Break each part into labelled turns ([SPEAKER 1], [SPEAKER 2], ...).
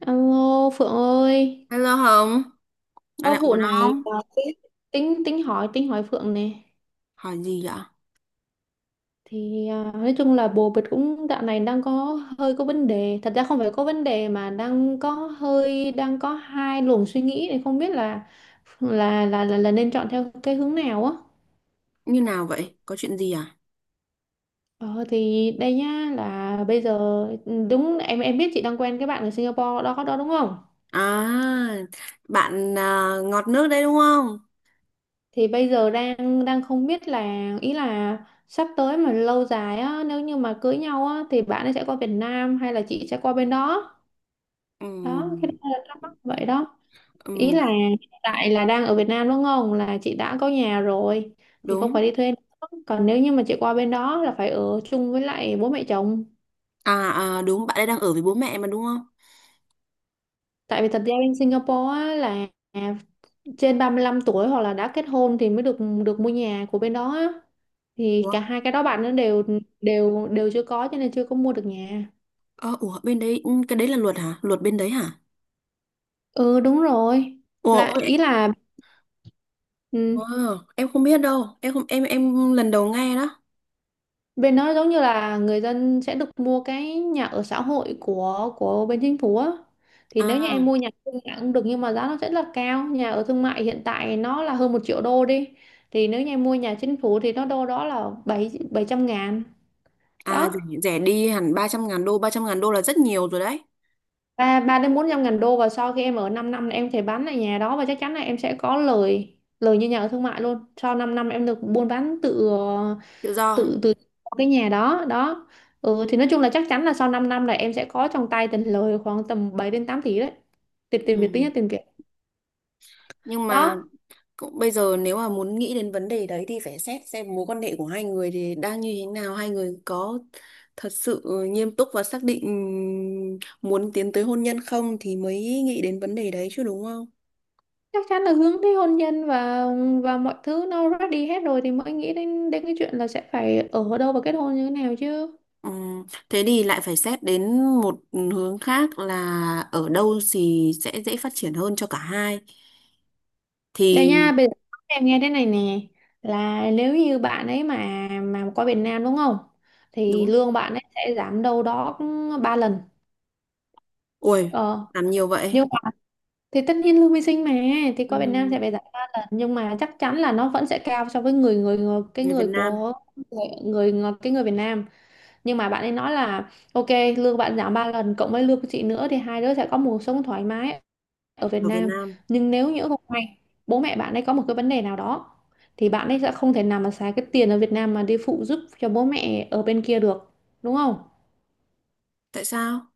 [SPEAKER 1] Alo Phượng ơi,
[SPEAKER 2] Hello Hồng, dạo
[SPEAKER 1] có
[SPEAKER 2] này
[SPEAKER 1] vụ
[SPEAKER 2] ổn
[SPEAKER 1] này
[SPEAKER 2] không?
[SPEAKER 1] à, tính tính hỏi Phượng nè.
[SPEAKER 2] Hỏi gì vậy?
[SPEAKER 1] Thì nói chung là bồ bịch cũng dạo này đang có hơi có vấn đề. Thật ra không phải có vấn đề mà đang có hai luồng suy nghĩ này không biết là là nên chọn theo cái hướng nào á.
[SPEAKER 2] Như nào vậy? Có chuyện gì à?
[SPEAKER 1] Ờ thì đây nhá là bây giờ, đúng, em biết chị đang quen cái bạn ở Singapore đó đó đúng không?
[SPEAKER 2] À, bạn à, ngọt nước đấy đúng không?
[SPEAKER 1] Thì bây giờ đang đang không biết là, ý là sắp tới mà lâu dài á nếu như mà cưới nhau á thì bạn ấy sẽ qua Việt Nam hay là chị sẽ qua bên đó. Đó cái
[SPEAKER 2] Ừm,
[SPEAKER 1] đó là thắc mắc vậy đó. Ý
[SPEAKER 2] ừm,
[SPEAKER 1] là hiện tại là đang ở Việt Nam đúng không, là chị đã có nhà rồi thì không
[SPEAKER 2] đúng.
[SPEAKER 1] phải đi thuê nữa. Còn nếu như mà chị qua bên đó là phải ở chung với lại bố mẹ chồng.
[SPEAKER 2] À, à, đúng, bạn ấy đang ở với bố mẹ mà đúng không?
[SPEAKER 1] Tại vì thật ra bên Singapore á, là trên 35 tuổi hoặc là đã kết hôn thì mới được được mua nhà của bên đó á. Thì
[SPEAKER 2] Ủa,
[SPEAKER 1] cả hai cái đó bạn nó đều đều đều chưa có cho nên chưa có mua được nhà.
[SPEAKER 2] ờ, ủa, bên đấy, cái đấy là luật hả? Luật bên đấy hả?
[SPEAKER 1] Ừ đúng rồi.
[SPEAKER 2] Ủa,
[SPEAKER 1] Là
[SPEAKER 2] ôi,
[SPEAKER 1] ý là,
[SPEAKER 2] ờ,
[SPEAKER 1] ừ,
[SPEAKER 2] em không biết đâu, em không, em lần đầu nghe đó.
[SPEAKER 1] bên đó giống như là người dân sẽ được mua cái nhà ở xã hội của bên chính phủ á. Thì
[SPEAKER 2] À,
[SPEAKER 1] nếu như em mua nhà thương mại cũng được nhưng mà giá nó sẽ là cao. Nhà ở thương mại hiện tại nó là hơn 1 triệu đô đi. Thì nếu như em mua nhà chính phủ thì nó đâu đó là bảy bảy trăm ngàn,
[SPEAKER 2] à,
[SPEAKER 1] đó
[SPEAKER 2] rẻ, đi hẳn 300.000 đô, 300.000 đô là rất nhiều rồi đấy.
[SPEAKER 1] ba ba đến 400 ngàn đô, và sau khi em ở 5 năm là em thể bán lại nhà đó và chắc chắn là em sẽ có lời lời như nhà ở thương mại luôn, sau 5 năm em được buôn bán tự
[SPEAKER 2] Tự do.
[SPEAKER 1] tự từ cái nhà đó đó. Ừ, thì nói chung là chắc chắn là sau 5 năm là em sẽ có trong tay tiền lời khoảng tầm 7 đến 8 tỷ đấy, tiền tiền Việt, tính
[SPEAKER 2] Ừ.
[SPEAKER 1] là tiền Việt
[SPEAKER 2] Nhưng mà
[SPEAKER 1] đó.
[SPEAKER 2] cũng bây giờ nếu mà muốn nghĩ đến vấn đề đấy thì phải xét xem mối quan hệ của hai người thì đang như thế nào, hai người có thật sự nghiêm túc và xác định muốn tiến tới hôn nhân không thì mới nghĩ đến vấn đề đấy chứ đúng không?
[SPEAKER 1] Chắc chắn là hướng tới hôn nhân và mọi thứ nó ready hết rồi thì mới nghĩ đến đến cái chuyện là sẽ phải ở đâu và kết hôn như thế nào chứ.
[SPEAKER 2] Thế thì lại phải xét đến một hướng khác là ở đâu thì sẽ dễ phát triển hơn cho cả hai.
[SPEAKER 1] Đây
[SPEAKER 2] Thì
[SPEAKER 1] nha, bây giờ em nghe thế này nè, là nếu như bạn ấy mà qua Việt Nam đúng không, thì
[SPEAKER 2] đúng.
[SPEAKER 1] lương bạn ấy sẽ giảm đâu đó 3 lần.
[SPEAKER 2] Ui,
[SPEAKER 1] ờ
[SPEAKER 2] làm nhiều vậy.
[SPEAKER 1] nhưng mà, thì tất nhiên lương vi sinh mà, thì qua Việt Nam
[SPEAKER 2] Ừm,
[SPEAKER 1] sẽ phải giảm 3 lần nhưng mà chắc chắn là nó vẫn sẽ cao so với người người, người cái
[SPEAKER 2] Người Việt
[SPEAKER 1] người
[SPEAKER 2] Nam,
[SPEAKER 1] của người, người cái người Việt Nam. Nhưng mà bạn ấy nói là ok, lương bạn giảm 3 lần cộng với lương của chị nữa thì hai đứa sẽ có một cuộc sống thoải mái ở Việt
[SPEAKER 2] ở Việt
[SPEAKER 1] Nam.
[SPEAKER 2] Nam.
[SPEAKER 1] Nhưng nếu nhỡ không may bố mẹ bạn ấy có một cái vấn đề nào đó thì bạn ấy sẽ không thể nào mà xài cái tiền ở Việt Nam mà đi phụ giúp cho bố mẹ ở bên kia được, đúng không,
[SPEAKER 2] Tại sao?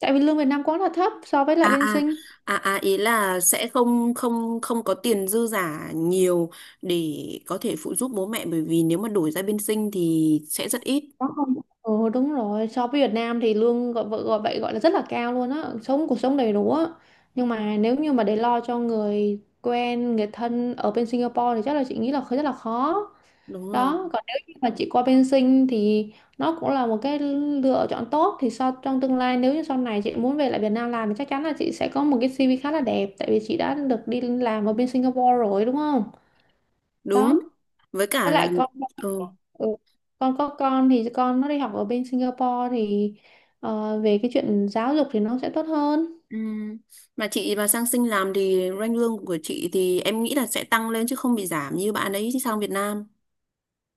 [SPEAKER 1] tại vì lương Việt Nam quá là thấp so với lại
[SPEAKER 2] à
[SPEAKER 1] bên
[SPEAKER 2] à
[SPEAKER 1] Sinh.
[SPEAKER 2] Ý là sẽ không không không có tiền dư giả nhiều để có thể phụ giúp bố mẹ bởi vì nếu mà đổi ra bên sinh thì sẽ rất ít.
[SPEAKER 1] Có không? Ừ đúng rồi, so với Việt Nam thì lương, gọi vợ gọi vậy, gọi là rất là cao luôn á, sống cuộc sống đầy đủ á, nhưng mà nếu như mà để lo cho người quen người thân ở bên Singapore thì chắc là chị nghĩ là rất là khó.
[SPEAKER 2] đúng rồi
[SPEAKER 1] Đó còn nếu như mà chị qua bên sinh thì nó cũng là một cái lựa chọn tốt, thì sau, trong tương lai nếu như sau này chị muốn về lại Việt Nam làm thì chắc chắn là chị sẽ có một cái CV khá là đẹp, tại vì chị đã được đi làm ở bên Singapore rồi đúng không.
[SPEAKER 2] đúng
[SPEAKER 1] Đó
[SPEAKER 2] với cả
[SPEAKER 1] với
[SPEAKER 2] là,
[SPEAKER 1] lại con,
[SPEAKER 2] ừ.
[SPEAKER 1] ừ, con có con thì con nó đi học ở bên Singapore thì, về cái chuyện giáo dục thì nó sẽ tốt hơn.
[SPEAKER 2] Ừ, mà chị mà sang sinh làm thì ranh lương của chị thì em nghĩ là sẽ tăng lên chứ không bị giảm như bạn ấy sang Việt Nam,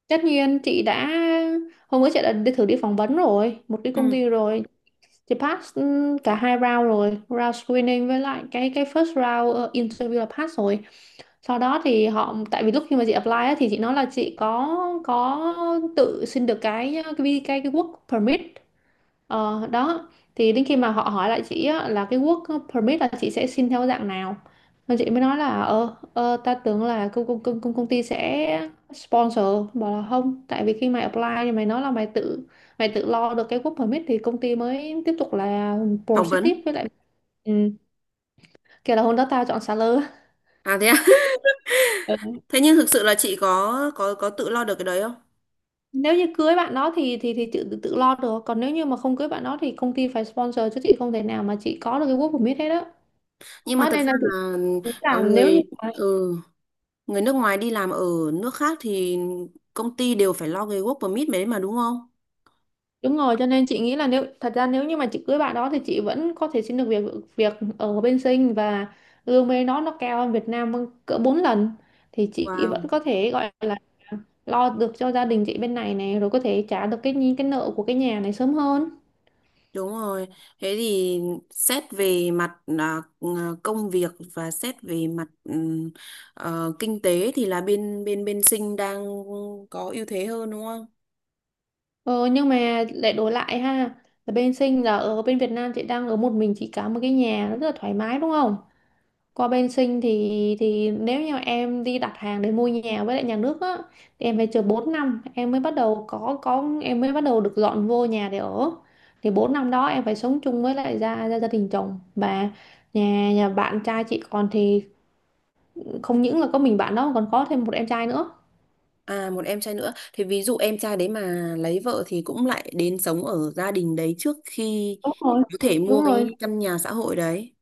[SPEAKER 1] Tất nhiên chị đã, hôm bữa chị đã đi thử đi phỏng vấn rồi một cái công
[SPEAKER 2] ừ.
[SPEAKER 1] ty rồi. Chị pass cả hai round rồi, round screening với lại cái first round interview là pass rồi. Sau đó thì họ, tại vì lúc khi mà chị apply á, thì chị nói là chị có tự xin được cái work permit. Đó thì đến khi mà họ hỏi lại chị á, là cái work permit là chị sẽ xin theo dạng nào. Nên chị mới nói là, ta tưởng là công, công, công, công công ty sẽ sponsor, bảo là không, tại vì khi mày apply thì mày nói là mày tự lo được cái work permit thì công ty mới tiếp tục là
[SPEAKER 2] Phỏng
[SPEAKER 1] proceed tiếp
[SPEAKER 2] vấn.
[SPEAKER 1] với lại. ừ, Kể là hôm đó tao chọn salary.
[SPEAKER 2] À thế à?
[SPEAKER 1] Ừ.
[SPEAKER 2] Thế nhưng thực sự là chị có tự lo được cái đấy không?
[SPEAKER 1] Nếu như cưới bạn đó thì tự tự lo được, còn nếu như mà không cưới bạn đó thì công ty phải sponsor chứ chị không thể nào mà chị có được cái work permit hết á.
[SPEAKER 2] Nhưng mà
[SPEAKER 1] Đó
[SPEAKER 2] thật
[SPEAKER 1] nên là
[SPEAKER 2] ra
[SPEAKER 1] chị
[SPEAKER 2] là,
[SPEAKER 1] nghĩ
[SPEAKER 2] ờ,
[SPEAKER 1] là nếu như
[SPEAKER 2] người
[SPEAKER 1] mà.
[SPEAKER 2] ừ người nước ngoài đi làm ở nước khác thì công ty đều phải lo cái work permit đấy mà đúng không?
[SPEAKER 1] Đúng rồi, cho nên chị nghĩ là, nếu thật ra nếu như mà chị cưới bạn đó thì chị vẫn có thể xin được việc, ở bên Sinh, và lương bên đó nó cao hơn Việt Nam vâng, cỡ 4 lần thì chị vẫn
[SPEAKER 2] Wow,
[SPEAKER 1] có thể gọi là lo được cho gia đình chị bên này, này rồi có thể trả được cái nhi- cái nợ của cái nhà này sớm hơn.
[SPEAKER 2] đúng rồi. Thế thì xét về mặt, công việc và xét về mặt, kinh tế thì là bên bên bên Sinh đang có ưu thế hơn đúng không?
[SPEAKER 1] Ờ, nhưng mà lại đổi lại ha, là bên Sinh là, ở bên Việt Nam chị đang ở một mình chị cả một cái nhà rất là thoải mái đúng không? Qua bên Sinh thì, nếu như em đi đặt hàng để mua nhà với lại nhà nước á thì em phải chờ 4 năm, em mới bắt đầu có em mới bắt đầu được dọn vô nhà để ở. Thì 4 năm đó em phải sống chung với lại gia gia, gia đình chồng, và nhà nhà bạn trai chị còn thì không những là có mình bạn đó mà còn có thêm một em trai nữa.
[SPEAKER 2] À, một em trai nữa. Thì ví dụ em trai đấy mà lấy vợ thì cũng lại đến sống ở gia đình đấy trước khi
[SPEAKER 1] Đúng rồi.
[SPEAKER 2] có thể mua
[SPEAKER 1] Đúng rồi,
[SPEAKER 2] cái căn nhà xã hội đấy.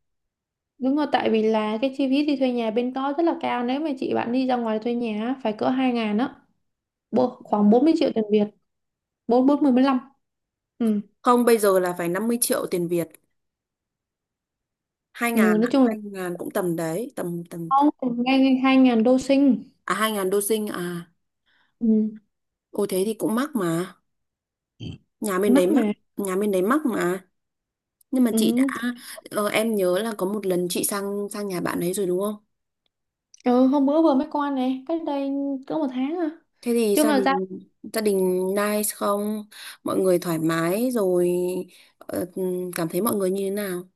[SPEAKER 1] đúng rồi, tại vì là cái chi phí đi thuê nhà bên đó rất là cao, nếu mà chị bạn đi ra ngoài thuê nhà á, phải cỡ 2 ngàn á, Bộ- khoảng 40 triệu tiền Việt, 4 40 45. Ừ.
[SPEAKER 2] Không, bây giờ là phải 50 triệu tiền Việt. Hai
[SPEAKER 1] Ừ,
[SPEAKER 2] ngàn,
[SPEAKER 1] nói chung là
[SPEAKER 2] 2.000 cũng tầm đấy, tầm tầm
[SPEAKER 1] không, ngay ngay 2 ngàn đô sinh.
[SPEAKER 2] À, 2.000 đô sinh à?
[SPEAKER 1] Ừ.
[SPEAKER 2] Ôi thế thì cũng mắc mà, nhà bên đấy
[SPEAKER 1] Mắc
[SPEAKER 2] mắc,
[SPEAKER 1] mà.
[SPEAKER 2] nhà bên đấy mắc mà. Nhưng mà chị đã,
[SPEAKER 1] Ừ.
[SPEAKER 2] em nhớ là có một lần chị sang sang nhà bạn ấy rồi đúng không?
[SPEAKER 1] Ừ hôm bữa vừa mới qua này, cách đây cỡ một tháng à.
[SPEAKER 2] Thế thì
[SPEAKER 1] chung
[SPEAKER 2] gia
[SPEAKER 1] là gia
[SPEAKER 2] đình, nice không, mọi người thoải mái rồi, ờ, cảm thấy mọi người như thế nào?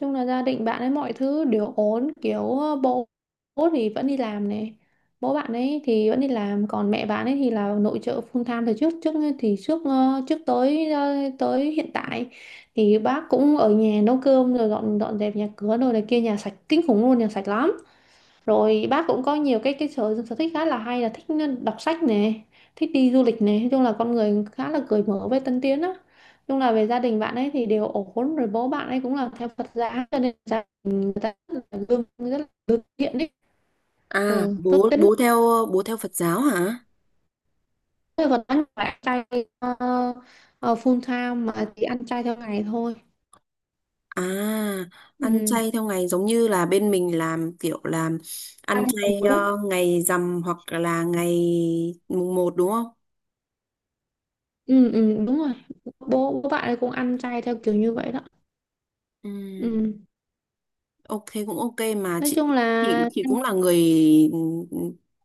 [SPEAKER 1] Chung là gia đình bạn ấy mọi thứ đều ổn, kiểu bố, bố thì vẫn đi làm này bố bạn ấy thì vẫn đi làm, còn mẹ bạn ấy thì là nội trợ full time từ trước trước thì trước ờ, trước tới ờ, tới hiện tại, thì bác cũng ở nhà nấu cơm, rồi dọn dọn dẹp nhà cửa rồi này kia, nhà sạch kinh khủng luôn, nhà sạch lắm. Rồi bác cũng có nhiều cái sở sở thích khá là hay, là thích đọc sách nè, thích đi du lịch nè, nói chung là con người khá là cởi mở với tân tiến á. Nói chung là về gia đình bạn ấy thì đều ổn rồi, bố bạn ấy cũng là theo Phật giáo cho nên gia đình người ta rất là gương thiện đấy.
[SPEAKER 2] À,
[SPEAKER 1] Tốt
[SPEAKER 2] bố
[SPEAKER 1] tính.
[SPEAKER 2] bố theo Phật giáo hả?
[SPEAKER 1] Thế còn ăn phải ăn chay full time mà chỉ ăn chay theo ngày thôi.
[SPEAKER 2] À, ăn
[SPEAKER 1] Ừ.
[SPEAKER 2] chay theo ngày giống như là bên mình làm kiểu,
[SPEAKER 1] Ăn
[SPEAKER 2] ăn
[SPEAKER 1] đầy
[SPEAKER 2] chay
[SPEAKER 1] đủ đó.
[SPEAKER 2] ngày rằm hoặc là ngày mùng một đúng không?
[SPEAKER 1] Ừ, ừ, đúng rồi, bố bố bạn ấy cũng ăn chay theo kiểu như vậy đó.
[SPEAKER 2] Ừ,
[SPEAKER 1] Ừ.
[SPEAKER 2] ok, cũng ok mà
[SPEAKER 1] Nói chung là,
[SPEAKER 2] chị cũng là người, ừ, ừ,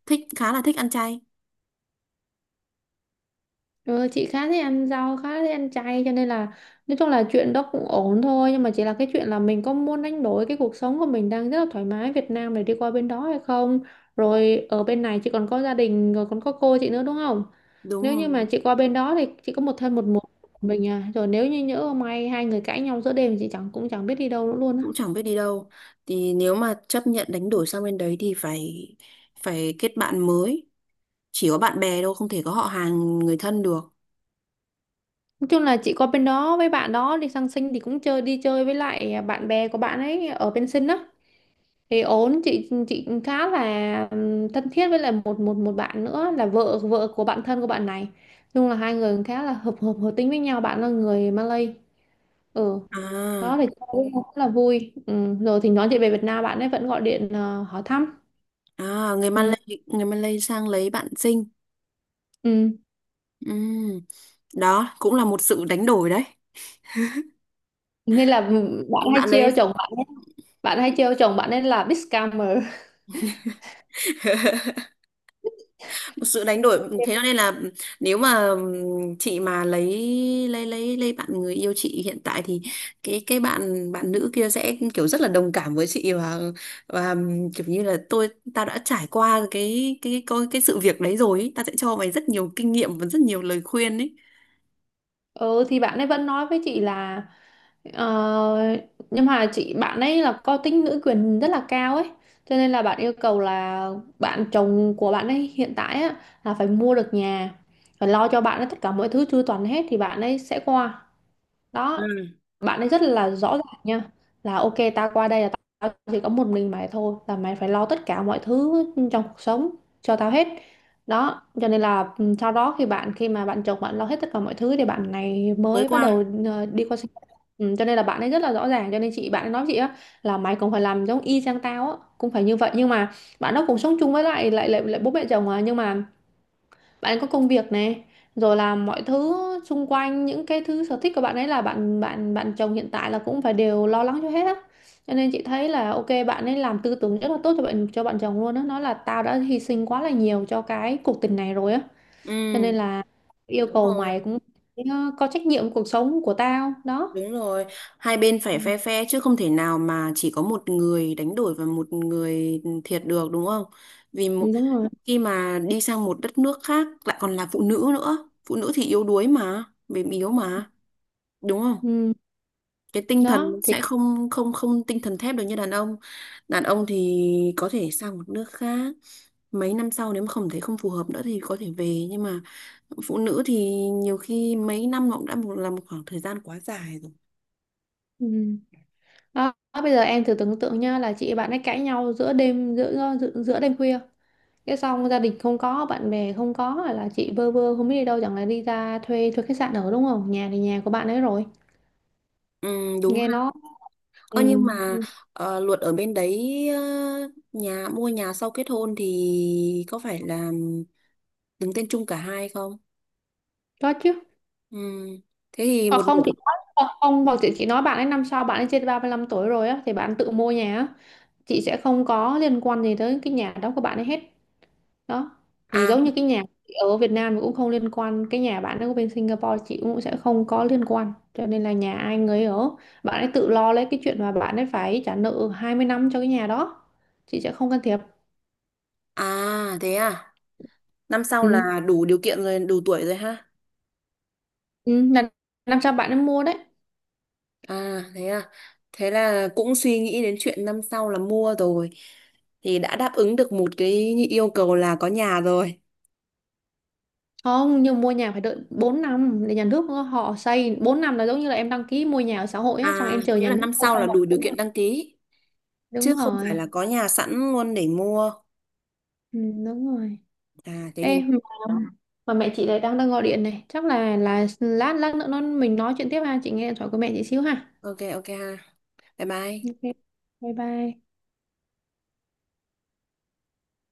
[SPEAKER 2] thích, khá là thích ăn chay.
[SPEAKER 1] ừ, chị khá thích ăn rau, khá thích ăn chay, cho nên là nói chung là chuyện đó cũng ổn thôi, nhưng mà chỉ là cái chuyện là mình có muốn đánh đổi cái cuộc sống của mình đang rất là thoải mái Việt Nam để đi qua bên đó hay không. Rồi ở bên này chị còn có gia đình, rồi còn có cô chị nữa, đúng không?
[SPEAKER 2] Đúng
[SPEAKER 1] Nếu như mà
[SPEAKER 2] rồi,
[SPEAKER 1] chị qua bên đó thì chị có một thân một mình mình. Rồi nếu như nhỡ may hai người cãi nhau giữa đêm thì chị chẳng cũng chẳng biết đi đâu nữa luôn á.
[SPEAKER 2] cũng chẳng biết đi đâu. Thì nếu mà chấp nhận đánh đổi sang bên đấy thì phải phải kết bạn mới. Chỉ có bạn bè đâu, không thể có họ hàng người thân được.
[SPEAKER 1] Nói chung là chị qua bên đó với bạn đó đi sang sinh thì cũng chơi, đi chơi với lại bạn bè của bạn ấy ở bên sinh á thì ổn. Chị khá là thân thiết với lại một một một bạn nữa là vợ vợ của bạn thân của bạn này. Nói chung là hai người cũng khá là hợp hợp hợp tính với nhau, bạn là người Malay. Ừ, đó
[SPEAKER 2] À,
[SPEAKER 1] thì cũng cũng rất là vui. Ừ. Rồi thì nói chuyện về Việt Nam bạn ấy vẫn gọi điện, hỏi thăm.
[SPEAKER 2] à, người
[SPEAKER 1] Ừ.
[SPEAKER 2] Malay. Người Malay sang lấy bạn sinh.
[SPEAKER 1] Ừ.
[SPEAKER 2] Ừm, Đó cũng là một sự đánh đổi đấy.
[SPEAKER 1] Nên là bạn hay
[SPEAKER 2] Bạn
[SPEAKER 1] trêu
[SPEAKER 2] ấy.
[SPEAKER 1] chồng bạn ấy, bạn hay trêu chồng bạn ấy là big scammer.
[SPEAKER 2] Một sự đánh đổi, thế cho nên là nếu mà, chị mà lấy bạn người yêu chị hiện tại thì cái bạn bạn nữ kia sẽ kiểu rất là đồng cảm với chị và, kiểu như là tao đã trải qua cái sự việc đấy rồi ý. Tao sẽ cho mày rất nhiều kinh nghiệm và rất nhiều lời khuyên ấy.
[SPEAKER 1] Ừ thì bạn ấy vẫn nói với chị là, ờ, nhưng mà chị bạn ấy là có tính nữ quyền rất là cao ấy, cho nên là bạn yêu cầu là bạn chồng của bạn ấy hiện tại á, là phải mua được nhà, phải lo cho bạn ấy tất cả mọi thứ chu toàn hết thì bạn ấy sẽ qua đó.
[SPEAKER 2] Ừ,
[SPEAKER 1] Bạn ấy rất là rõ ràng nha, là ok, tao qua đây là tao chỉ có một mình mày thôi, là mày phải lo tất cả mọi thứ trong cuộc sống cho tao hết. Đó cho nên là sau đó khi bạn, khi mà bạn chồng bạn lo hết tất cả mọi thứ thì bạn này
[SPEAKER 2] mới
[SPEAKER 1] mới bắt đầu,
[SPEAKER 2] qua.
[SPEAKER 1] đi qua sinh ừ, cho nên là bạn ấy rất là rõ ràng, cho nên chị bạn ấy nói với chị á là mày cũng phải làm giống y chang tao á, cũng phải như vậy. Nhưng mà bạn đó cũng sống chung với lại bố mẹ chồng, à, nhưng mà bạn có công việc này, rồi là mọi thứ xung quanh, những cái thứ sở thích của bạn ấy là bạn bạn bạn chồng hiện tại là cũng phải đều lo lắng cho hết á. Cho nên chị thấy là ok, bạn ấy làm tư tưởng rất là tốt cho bạn, cho bạn chồng luôn á, nói là tao đã hy sinh quá là nhiều cho cái cuộc tình này rồi á, cho
[SPEAKER 2] Ừ,
[SPEAKER 1] nên là yêu
[SPEAKER 2] đúng
[SPEAKER 1] cầu
[SPEAKER 2] rồi.
[SPEAKER 1] mày cũng phải, có trách nhiệm cuộc sống của tao đó.
[SPEAKER 2] Đúng rồi, hai bên phải
[SPEAKER 1] Ừ,
[SPEAKER 2] phe phe chứ không thể nào mà chỉ có một người đánh đổi và một người thiệt được đúng không? Vì mo-
[SPEAKER 1] đúng rồi.
[SPEAKER 2] Khi mà đi sang một đất nước khác lại còn là phụ nữ nữa, phụ nữ thì yếu đuối mà, mềm yếu mà, đúng không?
[SPEAKER 1] Ừ.
[SPEAKER 2] Cái tinh thần
[SPEAKER 1] Đó
[SPEAKER 2] nó
[SPEAKER 1] thì.
[SPEAKER 2] sẽ không không không tinh thần thép được như đàn ông. Đàn ông thì có thể sang một nước khác, mấy năm sau nếu mà không thấy không phù hợp nữa thì có thể về, nhưng mà phụ nữ thì nhiều khi mấy năm nó cũng đã, là một khoảng thời gian quá dài rồi.
[SPEAKER 1] Ừ. Đó. Bây giờ em thử tưởng tượng nha, là chị bạn ấy cãi nhau giữa đêm, giữa giữa, giữa đêm khuya, cái xong gia đình không có, bạn bè không có, hoặc là chị bơ vơ không biết đi đâu, chẳng lẽ đi ra thuê, khách sạn ở, đúng không? Nhà thì nhà của bạn ấy rồi,
[SPEAKER 2] Ừ, đúng
[SPEAKER 1] nghe
[SPEAKER 2] ha.
[SPEAKER 1] nó. Ừ,
[SPEAKER 2] Ơ nhưng mà,
[SPEAKER 1] ừ,
[SPEAKER 2] luật ở bên đấy, mua nhà sau kết hôn thì có phải là đứng tên chung cả hai không?
[SPEAKER 1] có chứ.
[SPEAKER 2] Ừ. Thế thì
[SPEAKER 1] Hoặc
[SPEAKER 2] một nửa.
[SPEAKER 1] không chị nói, hoặc không, hoặc chị chỉ nói bạn ấy năm sau bạn ấy trên 35 tuổi rồi á thì bạn tự mua nhà á, chị sẽ không có liên quan gì tới cái nhà đó của bạn ấy hết đó. Thì
[SPEAKER 2] À,
[SPEAKER 1] giống như cái nhà ở Việt Nam cũng không liên quan, cái nhà bạn ở bên Singapore chị cũng sẽ không có liên quan, cho nên là nhà ai người ấy ở. Bạn ấy tự lo lấy cái chuyện mà bạn ấy phải trả nợ 20 năm cho cái nhà đó, chị sẽ không can thiệp.
[SPEAKER 2] à, thế à, năm sau
[SPEAKER 1] Ừ.
[SPEAKER 2] là đủ điều kiện rồi, đủ tuổi rồi ha?
[SPEAKER 1] Ừ. Là năm sau bạn ấy mua đấy.
[SPEAKER 2] À, thế à, thế là cũng suy nghĩ đến chuyện năm sau là mua rồi, thì đã đáp ứng được một cái yêu cầu là có nhà rồi.
[SPEAKER 1] Không, nhưng mua nhà phải đợi 4 năm để nhà nước họ xây, 4 năm là giống như là em đăng ký mua nhà ở xã hội á, xong
[SPEAKER 2] À,
[SPEAKER 1] em chờ
[SPEAKER 2] có nghĩa
[SPEAKER 1] nhà
[SPEAKER 2] là
[SPEAKER 1] nước
[SPEAKER 2] năm
[SPEAKER 1] xây
[SPEAKER 2] sau
[SPEAKER 1] cho
[SPEAKER 2] là
[SPEAKER 1] một
[SPEAKER 2] đủ điều
[SPEAKER 1] bốn
[SPEAKER 2] kiện
[SPEAKER 1] năm.
[SPEAKER 2] đăng ký, chứ
[SPEAKER 1] Đúng
[SPEAKER 2] không phải là
[SPEAKER 1] rồi.
[SPEAKER 2] có nhà sẵn luôn để mua.
[SPEAKER 1] Ừ, đúng rồi.
[SPEAKER 2] À, thế thì
[SPEAKER 1] Ê, mà, mà mẹ chị lại đang đang gọi điện này, chắc là lát lát nữa nó mình nói chuyện tiếp ha, chị nghe điện thoại của mẹ chị xíu ha.
[SPEAKER 2] ok, ok ha, bye bye.
[SPEAKER 1] Ok, bye bye.